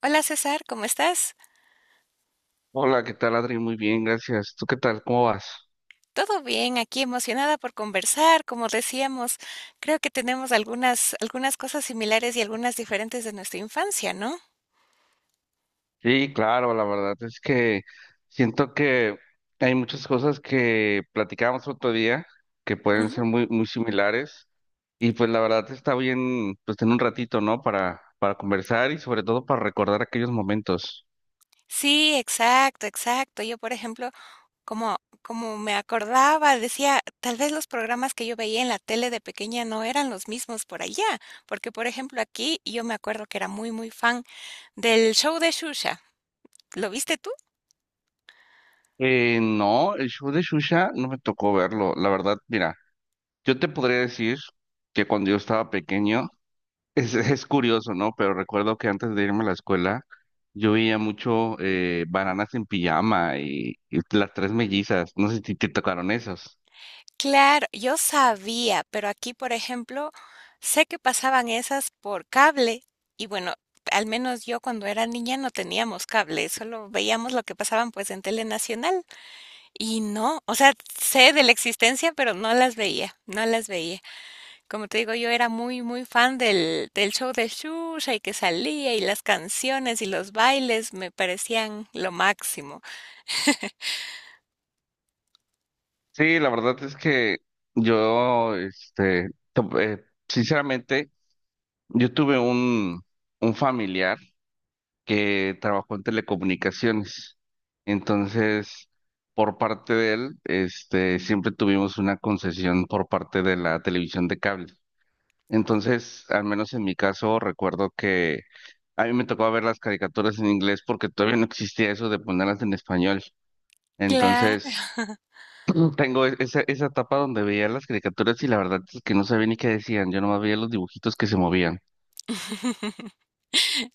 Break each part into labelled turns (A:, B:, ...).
A: Hola César, ¿cómo estás?
B: Hola, ¿qué tal, Adri? Muy bien, gracias. ¿Tú qué tal? ¿Cómo vas?
A: Todo bien, aquí emocionada por conversar, como decíamos, creo que tenemos algunas cosas similares y algunas diferentes de nuestra infancia, ¿no?
B: Sí, claro, la verdad es que siento que hay muchas cosas que platicábamos otro día que pueden ser
A: Ujú.
B: muy similares y pues la verdad está bien, pues tener un ratito, ¿no? Para conversar y sobre todo para recordar aquellos momentos.
A: Sí, exacto, exacto. Yo, por ejemplo, como, como me acordaba, decía, tal vez los programas que yo veía en la tele de pequeña no eran los mismos por allá, porque, por ejemplo, aquí yo me acuerdo que era muy, muy fan del show de Shusha. ¿Lo viste tú?
B: No, el show de Shusha no me tocó verlo, la verdad, mira, yo te podría decir que cuando yo estaba pequeño, Es curioso, ¿no? Pero recuerdo que antes de irme a la escuela, yo veía mucho bananas en pijama y las tres mellizas. No sé si te tocaron esos.
A: Claro, yo sabía, pero aquí, por ejemplo, sé que pasaban esas por cable y bueno, al menos yo cuando era niña no teníamos cable, solo veíamos lo que pasaban pues en Tele Nacional y no, o sea, sé de la existencia, pero no las veía, no las veía. Como te digo, yo era muy, muy fan del show de Shusha y que salía y las canciones y los bailes me parecían lo máximo.
B: Sí, la verdad es que yo, este, sinceramente, yo tuve un familiar que trabajó en telecomunicaciones. Entonces, por parte de él, este, siempre tuvimos una concesión por parte de la televisión de cable. Entonces, al menos en mi caso, recuerdo que a mí me tocaba ver las caricaturas en inglés porque todavía no existía eso de ponerlas en español.
A: Claro.
B: Entonces, tengo esa etapa donde veía las caricaturas y la verdad es que no sabía ni qué decían, yo nomás veía los dibujitos que se movían.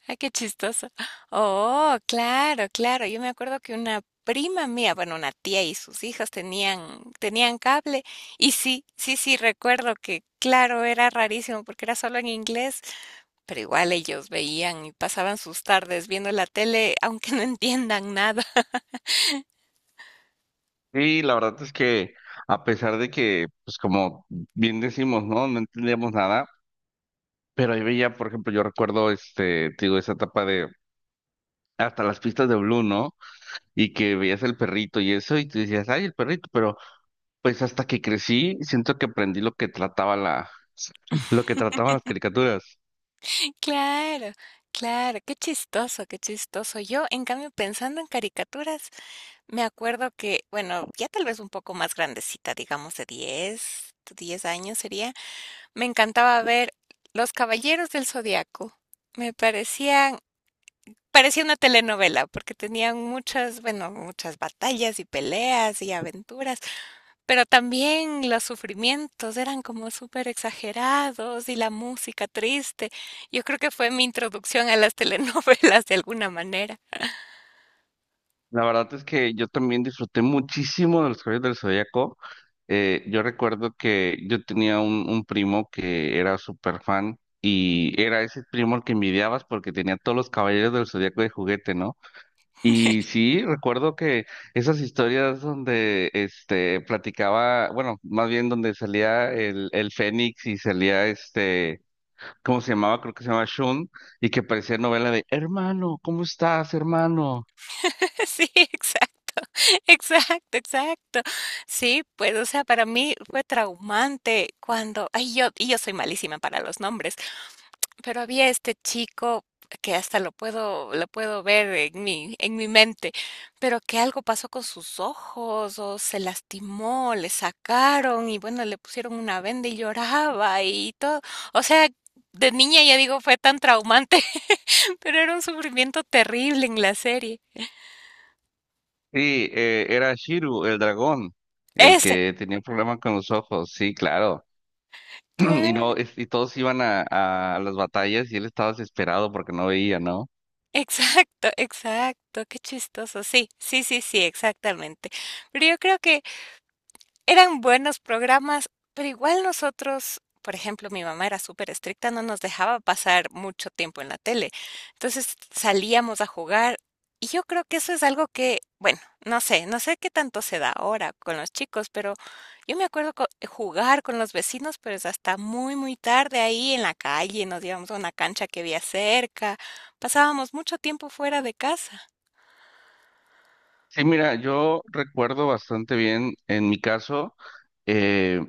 A: Ay, qué chistoso. Oh, claro, claro. Yo me acuerdo que una prima mía, bueno, una tía y sus hijas tenían cable. Y sí, sí, sí, recuerdo que, claro, era rarísimo porque era solo en inglés, pero igual ellos veían y pasaban sus tardes viendo la tele, aunque no entiendan nada.
B: Sí, la verdad es que a pesar de que, pues como bien decimos, ¿no? No entendíamos nada, pero ahí veía, por ejemplo, yo recuerdo, este, te digo, esa etapa de hasta las pistas de Blue, ¿no? Y que veías el perrito y eso y te decías, ay, el perrito, pero pues hasta que crecí, siento que aprendí lo que lo que trataban las caricaturas.
A: Claro, claro, qué chistoso, qué chistoso. Yo, en cambio, pensando en caricaturas, me acuerdo que, bueno, ya tal vez un poco más grandecita, digamos de diez años sería. Me encantaba ver Los Caballeros del Zodiaco. Me parecían, parecía una telenovela porque tenían muchas, bueno, muchas batallas y peleas y aventuras, pero también los sufrimientos eran como súper exagerados y la música triste. Yo creo que fue mi introducción a las telenovelas de alguna manera.
B: La verdad es que yo también disfruté muchísimo de los Caballeros del Zodíaco. Yo recuerdo que yo tenía un primo que era súper fan y era ese primo al que envidiabas porque tenía todos los Caballeros del Zodíaco de juguete, ¿no? Y sí, recuerdo que esas historias donde este platicaba, bueno, más bien donde salía el Fénix y salía este, ¿cómo se llamaba? Creo que se llamaba Shun, y que parecía novela de, hermano, ¿cómo estás, hermano?
A: Sí, exacto. Exacto, exacto. Sí, pues, o sea, para mí fue traumante cuando, ay, yo, y yo soy malísima para los nombres, pero había este chico que hasta lo puedo ver en mi mente, pero que algo pasó con sus ojos, o se lastimó, le sacaron, y bueno, le pusieron una venda y lloraba y todo. O sea, de niña ya digo, fue tan traumante, pero era un sufrimiento terrible en la serie.
B: Sí, era Shiru, el dragón, el
A: Ese.
B: que tenía un problema con los ojos, sí, claro. Y no,
A: Claro.
B: y todos iban a las batallas y él estaba desesperado porque no veía, ¿no?
A: Exacto, exacto. Qué chistoso. Sí, sí, sí, sí, exactamente. Pero yo creo que eran buenos programas, pero igual nosotros, por ejemplo, mi mamá era súper estricta, no nos dejaba pasar mucho tiempo en la tele. Entonces salíamos a jugar y yo creo que eso es algo que, bueno, no sé, no sé qué tanto se da ahora con los chicos, pero yo me acuerdo jugar con los vecinos, pero es hasta muy, muy tarde ahí en la calle, nos íbamos a una cancha que había cerca, pasábamos mucho tiempo fuera de casa.
B: Sí, mira, yo recuerdo bastante bien, en mi caso, eh,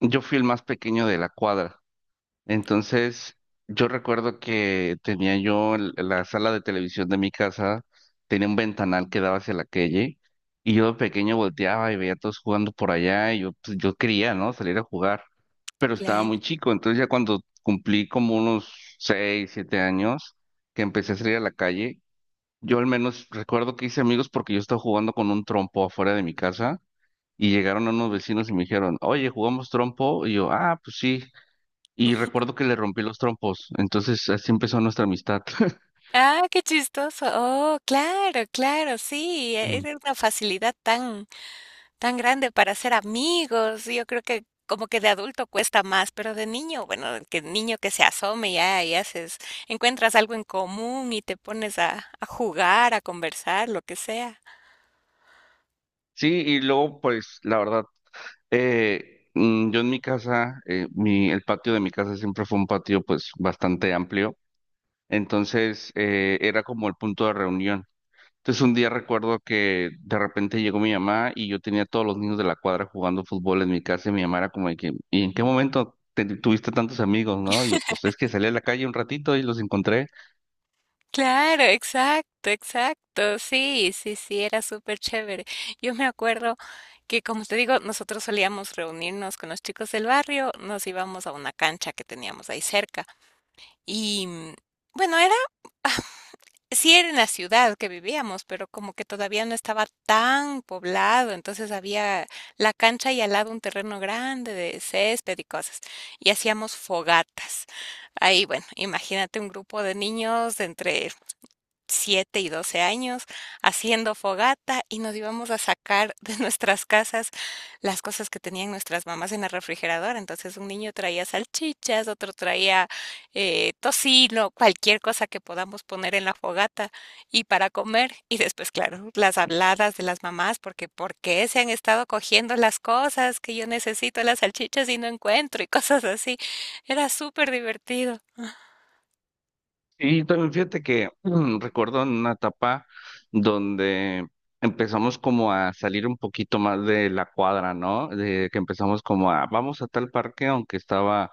B: yo fui el más pequeño de la cuadra. Entonces, yo recuerdo que tenía yo la sala de televisión de mi casa, tenía un ventanal que daba hacia la calle, y yo de pequeño volteaba y veía a todos jugando por allá, y yo, pues, yo quería, ¿no? Salir a jugar, pero estaba muy chico, entonces ya cuando cumplí como unos seis, siete años, que empecé a salir a la calle, yo al menos recuerdo que hice amigos porque yo estaba jugando con un trompo afuera de mi casa, y llegaron unos vecinos y me dijeron, oye, ¿jugamos trompo? Y yo, ah, pues sí. Y recuerdo que le rompí los trompos, entonces así empezó nuestra amistad.
A: Ah, qué chistoso. Oh, claro, claro, sí,
B: Mm.
A: era una facilidad tan, tan grande para hacer amigos. Yo creo que como que de adulto cuesta más, pero de niño, bueno, que niño que se asome ya y haces, encuentras algo en común y te pones a jugar, a conversar, lo que sea.
B: Sí, y luego, pues, la verdad, yo en mi casa, el patio de mi casa siempre fue un patio, pues, bastante amplio, entonces era como el punto de reunión. Entonces un día recuerdo que de repente llegó mi mamá y yo tenía a todos los niños de la cuadra jugando fútbol en mi casa y mi mamá era como de que, ¿y en qué momento tuviste tantos amigos, no? Y yo, pues, es que salí a la calle un ratito y los encontré.
A: Claro, exacto, exacto. Sí, sí, sí, era súper chévere. Yo me acuerdo que, como te digo, nosotros solíamos reunirnos con los chicos del barrio, nos íbamos a una cancha que teníamos ahí cerca. Y bueno, ah, sí era en la ciudad que vivíamos, pero como que todavía no estaba tan poblado, entonces había la cancha y al lado un terreno grande de césped y cosas. Y hacíamos fogatas. Ahí, bueno, imagínate un grupo de niños de entre 7 y 12 años haciendo fogata y nos íbamos a sacar de nuestras casas las cosas que tenían nuestras mamás en el refrigerador. Entonces un niño traía salchichas, otro traía tocino, cualquier cosa que podamos poner en la fogata y para comer. Y después, claro, las habladas de las mamás, porque ¿por qué se han estado cogiendo las cosas que yo necesito las salchichas y no encuentro y cosas así? Era súper divertido.
B: Y también fíjate que recuerdo en una etapa donde empezamos como a salir un poquito más de la cuadra, ¿no? De que empezamos como a, vamos a tal parque, aunque estaba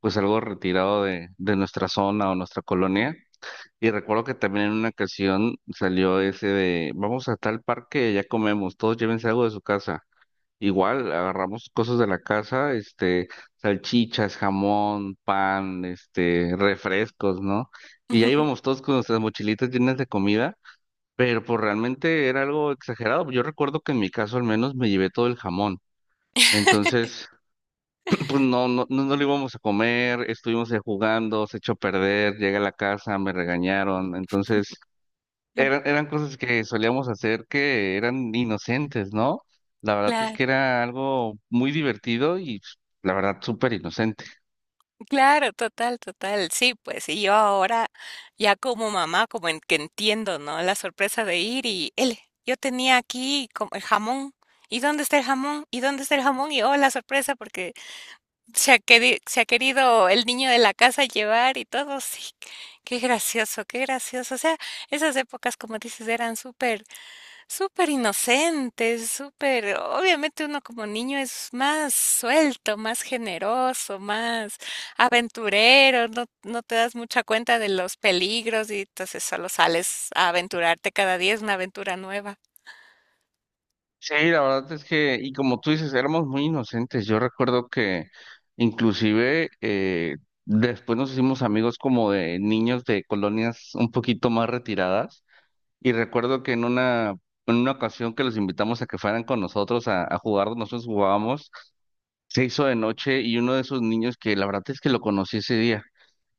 B: pues algo retirado de nuestra zona o nuestra colonia. Y recuerdo que también en una ocasión salió ese de, vamos a tal parque, ya comemos, todos llévense algo de su casa. Igual agarramos cosas de la casa, este, salchichas, jamón, pan, este, refrescos, ¿no? Y ya íbamos todos con nuestras mochilitas llenas de comida, pero pues realmente era algo exagerado. Yo recuerdo que en mi caso al menos me llevé todo el jamón. Entonces, pues no, no, no, no lo íbamos a comer, estuvimos ahí jugando, se echó a perder, llegué a la casa, me regañaron. Entonces, eran cosas que solíamos hacer que eran inocentes, ¿no? La verdad es
A: Claro.
B: que era algo muy divertido y pues, la verdad súper inocente.
A: Claro, total, total. Sí, pues, y yo ahora ya como mamá, como en, que entiendo, ¿no? La sorpresa de ir y, él, yo tenía aquí como el jamón. ¿Y dónde está el jamón? ¿Y dónde está el jamón? Y oh, la sorpresa porque se ha querido el niño de la casa llevar y todo. Sí, qué gracioso, qué gracioso. O sea, esas épocas, como dices, eran súper súper inocentes, súper, obviamente uno como niño es más suelto, más generoso, más aventurero, no, no te das mucha cuenta de los peligros y entonces solo sales a aventurarte cada día, es una aventura nueva.
B: Sí, la verdad es que, y como tú dices, éramos muy inocentes. Yo recuerdo que inclusive después nos hicimos amigos como de niños de colonias un poquito más retiradas y recuerdo que en una... En una ocasión que los invitamos a que fueran con nosotros a jugar, nosotros jugábamos, se hizo de noche y uno de esos niños que la verdad es que lo conocí ese día.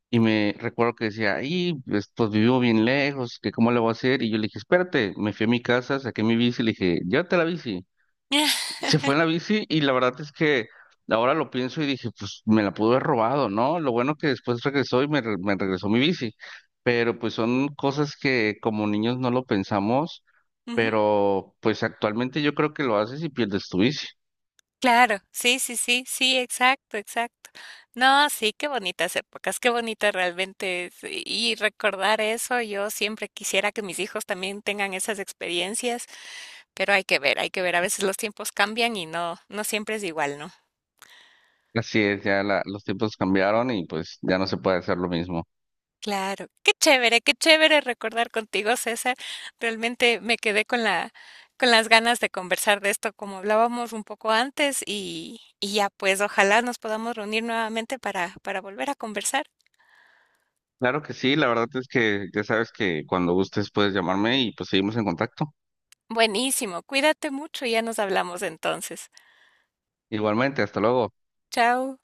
B: Y me recuerdo que decía, ahí, pues, vivo bien lejos, que cómo le voy a hacer. Y yo le dije, espérate, me fui a mi casa, saqué mi bici, le dije, llévate la bici. Se fue en la bici y la verdad es que ahora lo pienso y dije, pues me la pudo haber robado, ¿no? Lo bueno que después regresó y me, me regresó mi bici. Pero pues son cosas que como niños no lo pensamos,
A: Ujú.
B: pero pues actualmente yo creo que lo haces y pierdes tu bici.
A: Claro, sí, sí, sí, sí, exacto, exacto. No, sí, qué bonitas épocas, qué bonita realmente y recordar eso, yo siempre quisiera que mis hijos también tengan esas experiencias. Pero hay que ver, hay que ver. A veces los tiempos cambian y no, no siempre es igual, ¿no?
B: Así es, ya los tiempos cambiaron y pues ya no se puede hacer lo mismo.
A: Claro. Qué chévere recordar contigo, César. Realmente me quedé con con las ganas de conversar de esto, como hablábamos un poco antes, y ya pues ojalá nos podamos reunir nuevamente para volver a conversar.
B: Claro que sí, la verdad es que ya sabes que cuando gustes puedes llamarme y pues seguimos en contacto.
A: Buenísimo, cuídate mucho y ya nos hablamos entonces.
B: Igualmente, hasta luego.
A: Chao.